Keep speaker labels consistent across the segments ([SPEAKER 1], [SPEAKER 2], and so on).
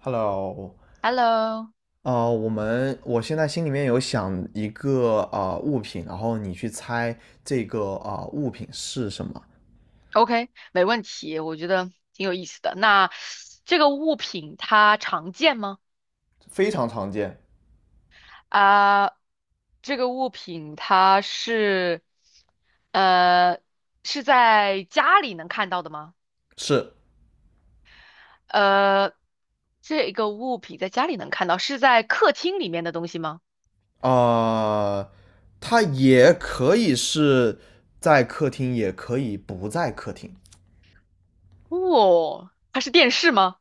[SPEAKER 1] Hello,
[SPEAKER 2] Hello,OK,
[SPEAKER 1] 我现在心里面有想一个物品，然后你去猜这个物品是什么。
[SPEAKER 2] 没问题，我觉得挺有意思的。那这个物品它常见吗？
[SPEAKER 1] 非常常见。
[SPEAKER 2] 啊，这个物品它是，呃，是在家里能看到的吗？
[SPEAKER 1] 是。
[SPEAKER 2] 呃，这个物品在家里能看到，是在客厅里面的东西吗？
[SPEAKER 1] 呃，它也可以是在客厅，也可以不在客厅。
[SPEAKER 2] 哦，它是电视吗？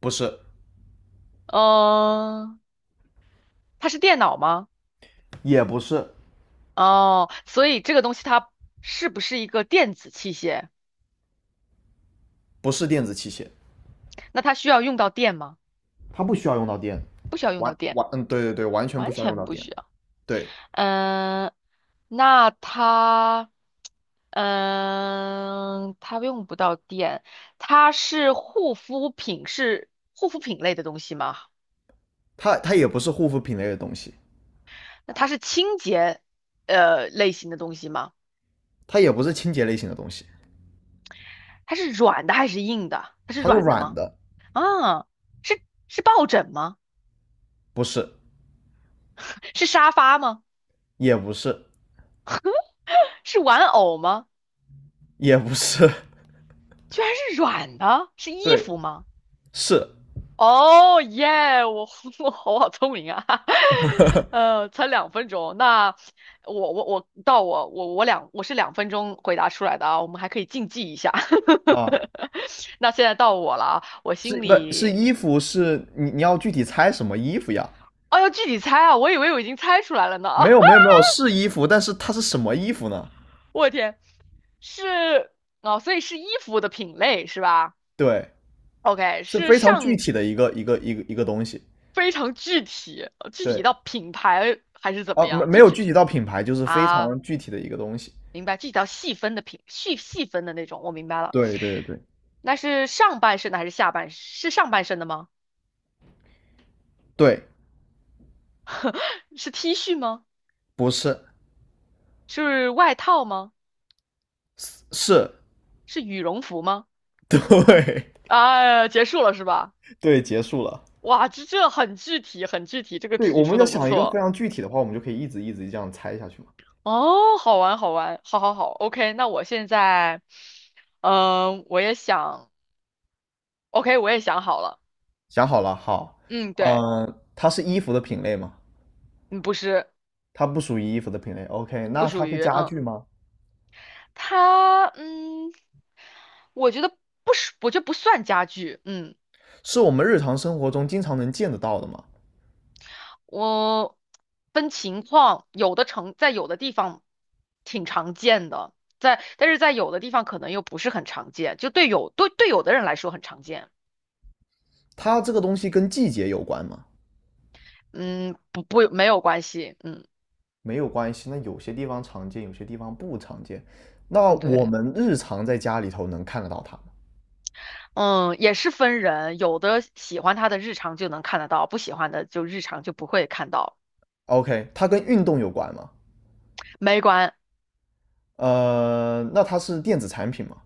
[SPEAKER 1] 不是。
[SPEAKER 2] 嗯、它是电脑吗？
[SPEAKER 1] 也不是。
[SPEAKER 2] 哦，所以这个东西它是不是一个电子器械？
[SPEAKER 1] 不是电子器械。
[SPEAKER 2] 那它需要用到电吗？
[SPEAKER 1] 它不需要用到电。
[SPEAKER 2] 不需要用到
[SPEAKER 1] 完
[SPEAKER 2] 电，
[SPEAKER 1] 完，嗯，对对对，完全不
[SPEAKER 2] 完
[SPEAKER 1] 需要用
[SPEAKER 2] 全
[SPEAKER 1] 到
[SPEAKER 2] 不
[SPEAKER 1] 电。
[SPEAKER 2] 需要。
[SPEAKER 1] 对。
[SPEAKER 2] 嗯，那它，嗯，它用不到电，它是护肤品，是护肤品类的东西吗？
[SPEAKER 1] 它也不是护肤品类的东西。
[SPEAKER 2] 那它是清洁，类型的东西吗？
[SPEAKER 1] 它也不是清洁类型的东西。
[SPEAKER 2] 它是软的还是硬的？它是
[SPEAKER 1] 它是
[SPEAKER 2] 软的
[SPEAKER 1] 软
[SPEAKER 2] 吗？
[SPEAKER 1] 的。
[SPEAKER 2] 啊，是是抱枕吗？
[SPEAKER 1] 不是。
[SPEAKER 2] 是沙发吗？
[SPEAKER 1] 也不是。
[SPEAKER 2] 是玩偶吗？
[SPEAKER 1] 也不是。
[SPEAKER 2] 居然是软的，是衣
[SPEAKER 1] 对，
[SPEAKER 2] 服吗？
[SPEAKER 1] 是
[SPEAKER 2] 哦耶！我 我好聪明啊，才两分钟。那我我我到我我我两我是两分钟回答出来的啊，我们还可以竞技一下。
[SPEAKER 1] 啊。
[SPEAKER 2] 那现在到我了啊，我
[SPEAKER 1] 是
[SPEAKER 2] 心
[SPEAKER 1] 不，是
[SPEAKER 2] 里，
[SPEAKER 1] 衣服？是你要具体猜什么衣服呀？
[SPEAKER 2] 哦，要具体猜啊，我以为我已经猜出来了呢。
[SPEAKER 1] 没有没有没 有，是衣服，但是它是什么衣服呢？
[SPEAKER 2] 我天，是哦，所以是衣服的品类是吧
[SPEAKER 1] 对，
[SPEAKER 2] ？OK,
[SPEAKER 1] 是
[SPEAKER 2] 是
[SPEAKER 1] 非常具
[SPEAKER 2] 上
[SPEAKER 1] 体的一个东西。
[SPEAKER 2] 非常具体，具体
[SPEAKER 1] 对
[SPEAKER 2] 到品牌还是怎么
[SPEAKER 1] 啊，
[SPEAKER 2] 样？
[SPEAKER 1] 没
[SPEAKER 2] 就
[SPEAKER 1] 有具
[SPEAKER 2] 具
[SPEAKER 1] 体到品牌，就是非
[SPEAKER 2] 啊。
[SPEAKER 1] 常具体的一个东西。
[SPEAKER 2] 明白，这叫细分的品，细分的那种，我明白了。
[SPEAKER 1] 对对对
[SPEAKER 2] 那是上半身的还是下半？是上半身的吗？
[SPEAKER 1] 对。
[SPEAKER 2] 是 T 恤吗？
[SPEAKER 1] 不是。
[SPEAKER 2] 是外套吗？
[SPEAKER 1] 是
[SPEAKER 2] 是羽绒服吗？
[SPEAKER 1] 对。
[SPEAKER 2] 啊，结束了是吧？
[SPEAKER 1] 对，结束了。
[SPEAKER 2] 哇，这这很具体，很具体，这个
[SPEAKER 1] 对，
[SPEAKER 2] 题
[SPEAKER 1] 我们
[SPEAKER 2] 出
[SPEAKER 1] 要
[SPEAKER 2] 的不
[SPEAKER 1] 想一个非
[SPEAKER 2] 错。
[SPEAKER 1] 常具体的话，我们就可以一直这样猜下去嘛。
[SPEAKER 2] 哦，好玩，好玩，好好好，OK。那我现在，嗯、我也想，OK,我也想好了。
[SPEAKER 1] 想好了，好。
[SPEAKER 2] 嗯，对，
[SPEAKER 1] 嗯，它是衣服的品类吗？
[SPEAKER 2] 嗯，不是，
[SPEAKER 1] 它不属于衣服的品类。OK,
[SPEAKER 2] 不
[SPEAKER 1] 那它
[SPEAKER 2] 属
[SPEAKER 1] 是
[SPEAKER 2] 于，
[SPEAKER 1] 家
[SPEAKER 2] 嗯。
[SPEAKER 1] 具吗？
[SPEAKER 2] 它，嗯，我觉得不是，我觉得不算家具。嗯，
[SPEAKER 1] 是我们日常生活中经常能见得到的吗？
[SPEAKER 2] 我分情况，有的城在有的地方挺常见的，但是在有的地方可能又不是很常见，就对有对对有的人来说很常见。
[SPEAKER 1] 它这个东西跟季节有关吗？
[SPEAKER 2] 嗯，不没有关系。嗯
[SPEAKER 1] 没有关系。那有些地方常见，有些地方不常见。那
[SPEAKER 2] 嗯，
[SPEAKER 1] 我
[SPEAKER 2] 对，
[SPEAKER 1] 们日常在家里头能看得到它吗
[SPEAKER 2] 嗯，也是分人，有的喜欢他的日常就能看得到，不喜欢的就日常就不会看到，
[SPEAKER 1] ？OK,它跟运动有关吗？
[SPEAKER 2] 没关，
[SPEAKER 1] 那它是电子产品吗？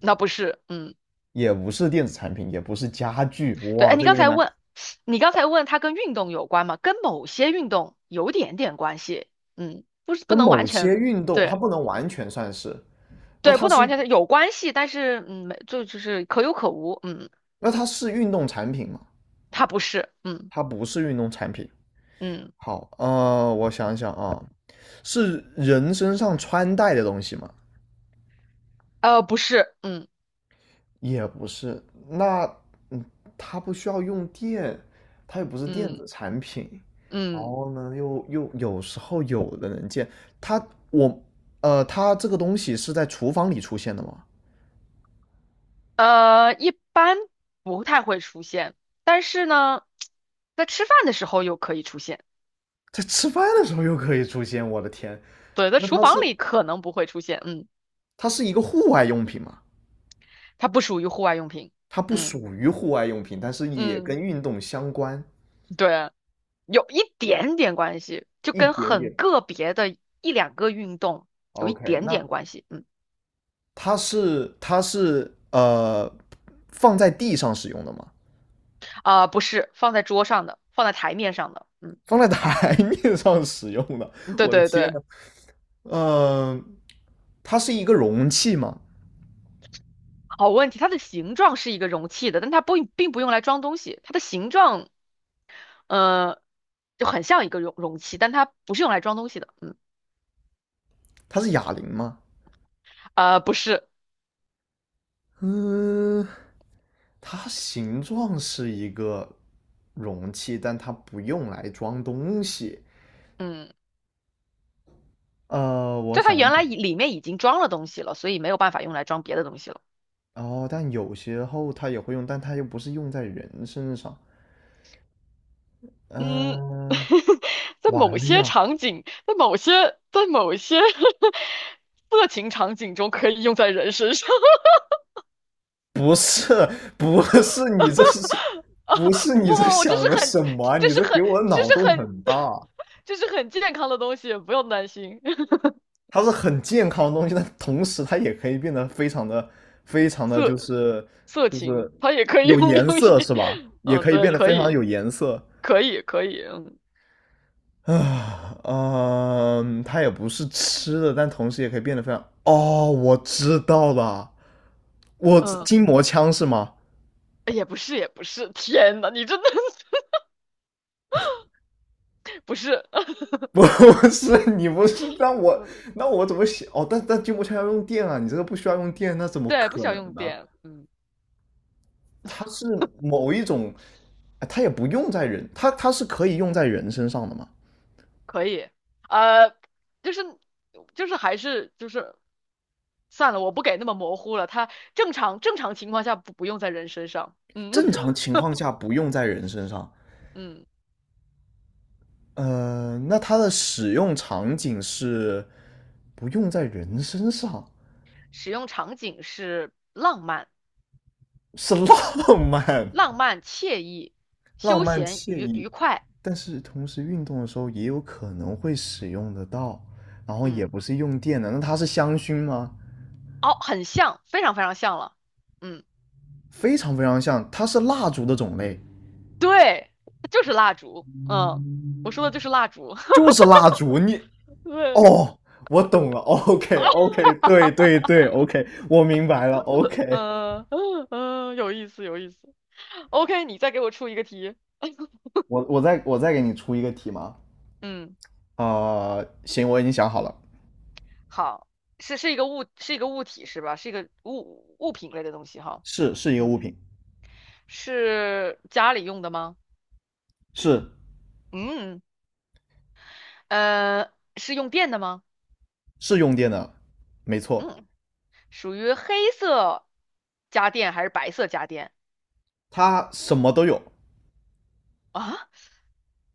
[SPEAKER 2] 那不是，嗯。
[SPEAKER 1] 也不是电子产品，也不是家具。
[SPEAKER 2] 对，
[SPEAKER 1] 哇，
[SPEAKER 2] 哎，
[SPEAKER 1] 这有点难。
[SPEAKER 2] 你刚才问它跟运动有关吗？跟某些运动有点点关系，嗯，不
[SPEAKER 1] 跟
[SPEAKER 2] 能
[SPEAKER 1] 某
[SPEAKER 2] 完
[SPEAKER 1] 些
[SPEAKER 2] 全，
[SPEAKER 1] 运动，它
[SPEAKER 2] 对
[SPEAKER 1] 不能完全算是。那
[SPEAKER 2] 对，
[SPEAKER 1] 它
[SPEAKER 2] 不能完
[SPEAKER 1] 是
[SPEAKER 2] 全是有关系，但是嗯，没就是可有可无，嗯，
[SPEAKER 1] 那它是运动产品吗？
[SPEAKER 2] 它不是，嗯
[SPEAKER 1] 它不是运动产品。
[SPEAKER 2] 嗯，
[SPEAKER 1] 好。我想想啊，是人身上穿戴的东西吗？
[SPEAKER 2] 不是，嗯
[SPEAKER 1] 也不是。那，嗯，它不需要用电，它又不是电
[SPEAKER 2] 嗯
[SPEAKER 1] 子产品。然
[SPEAKER 2] 嗯，
[SPEAKER 1] 后呢，又有时候有的能见它，我，它这个东西是在厨房里出现的吗？
[SPEAKER 2] 一般不太会出现，但是呢，在吃饭的时候又可以出现，
[SPEAKER 1] 在吃饭的时候又可以出现，我的天！
[SPEAKER 2] 对，在
[SPEAKER 1] 那
[SPEAKER 2] 厨
[SPEAKER 1] 它
[SPEAKER 2] 房
[SPEAKER 1] 是
[SPEAKER 2] 里可能不会出现，嗯，
[SPEAKER 1] 它是一个户外用品吗？
[SPEAKER 2] 它不属于户外用品，
[SPEAKER 1] 它不
[SPEAKER 2] 嗯
[SPEAKER 1] 属于户外用品，但是也跟
[SPEAKER 2] 嗯，
[SPEAKER 1] 运动相关
[SPEAKER 2] 对。有一点点关系，就
[SPEAKER 1] 一
[SPEAKER 2] 跟
[SPEAKER 1] 点
[SPEAKER 2] 很
[SPEAKER 1] 点。
[SPEAKER 2] 个别的1、2个运动有一
[SPEAKER 1] OK,
[SPEAKER 2] 点
[SPEAKER 1] 那
[SPEAKER 2] 点关系。嗯，
[SPEAKER 1] 它是它是放在地上使用的吗？
[SPEAKER 2] 啊、不是，放在桌上的，放在台面上的。嗯，
[SPEAKER 1] 放在台 面上使用的？
[SPEAKER 2] 对
[SPEAKER 1] 我的
[SPEAKER 2] 对
[SPEAKER 1] 天
[SPEAKER 2] 对，
[SPEAKER 1] 呐。呃，它是一个容器吗？
[SPEAKER 2] 好问题。它的形状是一个容器的，但它不并不用来装东西。它的形状，呃，就很像一个容器，但它不是用来装东西的。嗯，
[SPEAKER 1] 它是哑铃吗？
[SPEAKER 2] 啊，不是，
[SPEAKER 1] 嗯，它形状是一个容器，但它不用来装东西。
[SPEAKER 2] 嗯，
[SPEAKER 1] 我
[SPEAKER 2] 就它
[SPEAKER 1] 想一
[SPEAKER 2] 原来
[SPEAKER 1] 想。
[SPEAKER 2] 里面已经装了东西了，所以没有办法用来装别的东西了。
[SPEAKER 1] 哦，但有些后他也会用，但他又不是用在人身上。
[SPEAKER 2] 嗯，
[SPEAKER 1] 嗯、
[SPEAKER 2] 在
[SPEAKER 1] 完
[SPEAKER 2] 某
[SPEAKER 1] 了
[SPEAKER 2] 些
[SPEAKER 1] 呀！
[SPEAKER 2] 场景，在某些 色情场景中可以用在人身上。
[SPEAKER 1] 不是。不是你这是。不 是
[SPEAKER 2] 不
[SPEAKER 1] 你
[SPEAKER 2] 不
[SPEAKER 1] 这
[SPEAKER 2] 不，这
[SPEAKER 1] 想
[SPEAKER 2] 是
[SPEAKER 1] 的
[SPEAKER 2] 很，
[SPEAKER 1] 什么啊
[SPEAKER 2] 这
[SPEAKER 1] 你
[SPEAKER 2] 是
[SPEAKER 1] 这给
[SPEAKER 2] 很，
[SPEAKER 1] 我
[SPEAKER 2] 这
[SPEAKER 1] 脑
[SPEAKER 2] 是
[SPEAKER 1] 洞
[SPEAKER 2] 很，
[SPEAKER 1] 很大。
[SPEAKER 2] 这是很健康的东西，不用担心。
[SPEAKER 1] 它是很健康的东西，但同时它也可以变得非常的，就
[SPEAKER 2] 色
[SPEAKER 1] 是
[SPEAKER 2] 色
[SPEAKER 1] 就
[SPEAKER 2] 情，
[SPEAKER 1] 是
[SPEAKER 2] 它也可以
[SPEAKER 1] 有颜
[SPEAKER 2] 用于，
[SPEAKER 1] 色，是吧？也
[SPEAKER 2] 嗯，
[SPEAKER 1] 可以
[SPEAKER 2] 对，
[SPEAKER 1] 变得
[SPEAKER 2] 可
[SPEAKER 1] 非常
[SPEAKER 2] 以，
[SPEAKER 1] 有颜色。
[SPEAKER 2] 可以，可以，嗯
[SPEAKER 1] 啊，嗯，它也不是吃的，但同时也可以变得非常……哦，我知道了，我
[SPEAKER 2] 嗯，
[SPEAKER 1] 筋膜枪是吗？
[SPEAKER 2] 哎也不是，也不是，天呐，你真的 不是，
[SPEAKER 1] 不是，你不是。
[SPEAKER 2] 嗯
[SPEAKER 1] 那我怎么写？哦，但筋膜枪要用电啊，你这个不需要用电，那怎么
[SPEAKER 2] 对，不
[SPEAKER 1] 可
[SPEAKER 2] 需要
[SPEAKER 1] 能
[SPEAKER 2] 用
[SPEAKER 1] 呢？
[SPEAKER 2] 电，嗯。
[SPEAKER 1] 它是某一种。哎它也不用在人，它是可以用在人身上的嘛？
[SPEAKER 2] 可以，呃，就是就是还是就是算了，我不给那么模糊了。它正常情况下不用在人身上，嗯
[SPEAKER 1] 正常情况下不用在人身上。
[SPEAKER 2] 嗯，
[SPEAKER 1] 呃，那它的使用场景是不用在人身上，
[SPEAKER 2] 使用场景是浪漫、
[SPEAKER 1] 是浪漫、
[SPEAKER 2] 浪漫、惬意、
[SPEAKER 1] 浪
[SPEAKER 2] 休
[SPEAKER 1] 漫
[SPEAKER 2] 闲、
[SPEAKER 1] 惬意。
[SPEAKER 2] 愉快，
[SPEAKER 1] 但是同时运动的时候也有可能会使用得到，然后也
[SPEAKER 2] 嗯，
[SPEAKER 1] 不是用电的，那它是香薰吗？
[SPEAKER 2] 哦，很像，非常非常像了，嗯，
[SPEAKER 1] 非常非常像，它是蜡烛的种类，
[SPEAKER 2] 对，就是蜡烛，嗯，我说的就是蜡烛，
[SPEAKER 1] 就是蜡烛。你
[SPEAKER 2] 对，
[SPEAKER 1] 哦，我懂了，OK OK,对对对，OK,我明白了，OK。
[SPEAKER 2] 嗯嗯 嗯，有意思有意思。OK,你再给我出一个题，
[SPEAKER 1] 我再给你出一个题吗？
[SPEAKER 2] 嗯。
[SPEAKER 1] 啊，行，我已经想好了。
[SPEAKER 2] 好，是一个物，是一个物体是吧？是一个物品类的东西哈。
[SPEAKER 1] 是是一个
[SPEAKER 2] 嗯，
[SPEAKER 1] 物品。
[SPEAKER 2] 是家里用的吗？
[SPEAKER 1] 是
[SPEAKER 2] 嗯，呃，是用电的吗？
[SPEAKER 1] 是用电的，没错。
[SPEAKER 2] 嗯，属于黑色家电还是白色家电
[SPEAKER 1] 它什么都有。
[SPEAKER 2] 啊？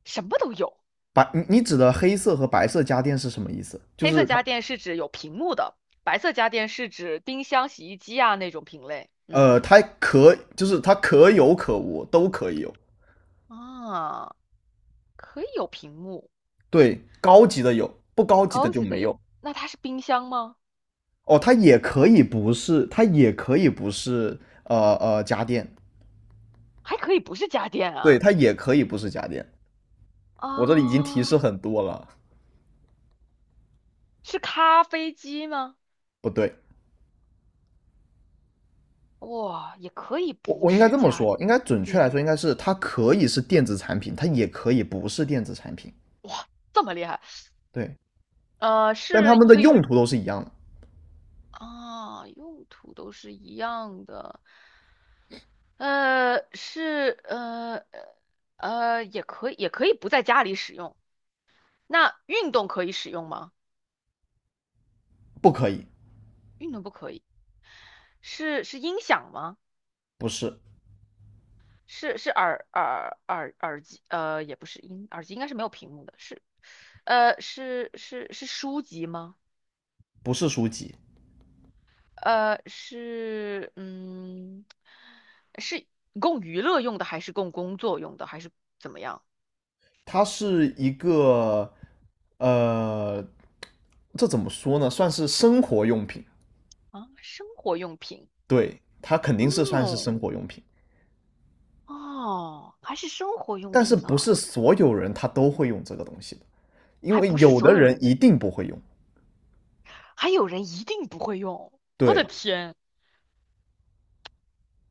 [SPEAKER 2] 什么都有。
[SPEAKER 1] 白，你指的黑色和白色家电是什么意思？就
[SPEAKER 2] 黑色
[SPEAKER 1] 是它
[SPEAKER 2] 家电是指有屏幕的，白色家电是指冰箱、洗衣机啊那种品类。嗯，
[SPEAKER 1] 它可就是它可有可无，都可以有。
[SPEAKER 2] 啊，可以有屏幕，
[SPEAKER 1] 对，高级的有，不高级的
[SPEAKER 2] 高
[SPEAKER 1] 就
[SPEAKER 2] 级的
[SPEAKER 1] 没
[SPEAKER 2] 有。
[SPEAKER 1] 有。
[SPEAKER 2] 那它是冰箱吗？
[SPEAKER 1] 哦，它也可以不是，它也可以不是。家电。
[SPEAKER 2] 还可以不是家电
[SPEAKER 1] 对，
[SPEAKER 2] 啊？
[SPEAKER 1] 它也可以不是家电。我这里已经提示
[SPEAKER 2] 啊。
[SPEAKER 1] 很多了。
[SPEAKER 2] 是咖啡机吗？
[SPEAKER 1] 不对。
[SPEAKER 2] 哇，也可以
[SPEAKER 1] 我
[SPEAKER 2] 不
[SPEAKER 1] 我应该
[SPEAKER 2] 是
[SPEAKER 1] 这么
[SPEAKER 2] 家
[SPEAKER 1] 说，应该准确
[SPEAKER 2] 电，
[SPEAKER 1] 来说应该是它可以是电子产品，它也可以不是电子产品。
[SPEAKER 2] 这么厉害。
[SPEAKER 1] 对，但它
[SPEAKER 2] 是
[SPEAKER 1] 们的
[SPEAKER 2] 可以用
[SPEAKER 1] 用途都是一样的。
[SPEAKER 2] 啊，用途都是一样的。是也可以也可以不在家里使用。那运动可以使用吗？
[SPEAKER 1] 不可以。
[SPEAKER 2] 运动不可以。是是音响吗？
[SPEAKER 1] 不是。
[SPEAKER 2] 是是耳机？也不是音，耳机应该是没有屏幕的。是是是是书籍吗？
[SPEAKER 1] 不是书籍。
[SPEAKER 2] 是，嗯，是供娱乐用的，还是供工作用的，还是怎么样
[SPEAKER 1] 它是一个呃这怎么说呢？算是生活用品。
[SPEAKER 2] 啊？生活用品，
[SPEAKER 1] 对，它肯定是算是生
[SPEAKER 2] 嗯，
[SPEAKER 1] 活用品，
[SPEAKER 2] 哦，还是生活用
[SPEAKER 1] 但是
[SPEAKER 2] 品
[SPEAKER 1] 不
[SPEAKER 2] 呢，
[SPEAKER 1] 是所有人他都会用这个东西的，因
[SPEAKER 2] 还
[SPEAKER 1] 为
[SPEAKER 2] 不是
[SPEAKER 1] 有
[SPEAKER 2] 所
[SPEAKER 1] 的
[SPEAKER 2] 有
[SPEAKER 1] 人
[SPEAKER 2] 人，
[SPEAKER 1] 一定不会用。
[SPEAKER 2] 还有人一定不会用。我
[SPEAKER 1] 对
[SPEAKER 2] 的天，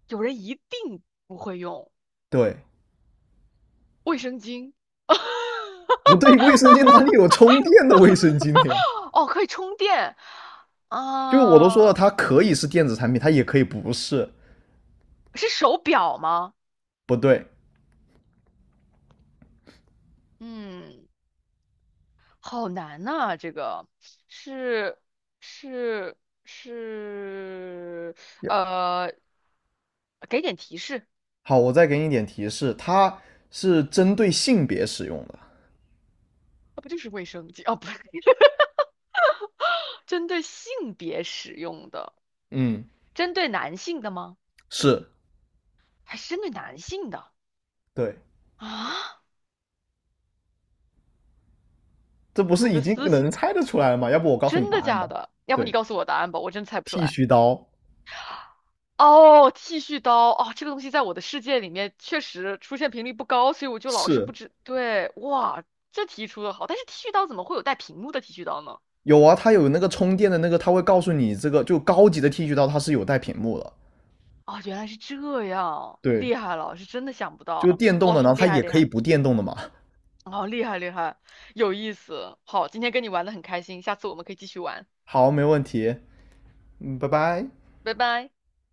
[SPEAKER 2] 有人一定不会用
[SPEAKER 1] 对。
[SPEAKER 2] 卫生巾，
[SPEAKER 1] 不对，卫生间哪里有充电的卫生巾的呀？
[SPEAKER 2] 哦，可以充电，
[SPEAKER 1] 就是我都说
[SPEAKER 2] 啊，
[SPEAKER 1] 了，它可以是电子产品，它也可以不是。
[SPEAKER 2] 是手表吗？
[SPEAKER 1] 不对。
[SPEAKER 2] 嗯。好难呐、这个是是是，呃，给点提示，
[SPEAKER 1] 好，我再给你一点提示，它是针对性别使用的。
[SPEAKER 2] 那不就是卫生巾？哦，不是，针对性别使用的，
[SPEAKER 1] 嗯，
[SPEAKER 2] 针对男性的吗？
[SPEAKER 1] 是，
[SPEAKER 2] 还是针对男性的
[SPEAKER 1] 对。
[SPEAKER 2] 啊？
[SPEAKER 1] 这不是
[SPEAKER 2] 我
[SPEAKER 1] 已
[SPEAKER 2] 的
[SPEAKER 1] 经
[SPEAKER 2] 思想，
[SPEAKER 1] 能猜得出来了吗？要不我告诉你
[SPEAKER 2] 真
[SPEAKER 1] 答
[SPEAKER 2] 的
[SPEAKER 1] 案吧。
[SPEAKER 2] 假的？要不
[SPEAKER 1] 对，
[SPEAKER 2] 你告诉我答案吧，我真猜不出
[SPEAKER 1] 剃
[SPEAKER 2] 来。
[SPEAKER 1] 须刀。
[SPEAKER 2] 哦，剃须刀哦，这个东西在我的世界里面确实出现频率不高，所以我就老是不
[SPEAKER 1] 是
[SPEAKER 2] 知。对，哇，这题出的好，但是剃须刀怎么会有带屏幕的剃须刀呢？
[SPEAKER 1] 有啊，它有那个充电的那个，它会告诉你这个就高级的剃须刀它是有带屏幕的。
[SPEAKER 2] 哦，原来是这样，
[SPEAKER 1] 对，
[SPEAKER 2] 厉害了，是真的想不
[SPEAKER 1] 就
[SPEAKER 2] 到，
[SPEAKER 1] 电动的，
[SPEAKER 2] 哇，
[SPEAKER 1] 然后
[SPEAKER 2] 厉
[SPEAKER 1] 它
[SPEAKER 2] 害
[SPEAKER 1] 也
[SPEAKER 2] 厉
[SPEAKER 1] 可以
[SPEAKER 2] 害，
[SPEAKER 1] 不电动的嘛。
[SPEAKER 2] 哦，厉害厉害，有意思。好，今天跟你玩的很开心，下次我们可以继续玩，
[SPEAKER 1] 好，没问题，嗯，拜拜。
[SPEAKER 2] 拜拜。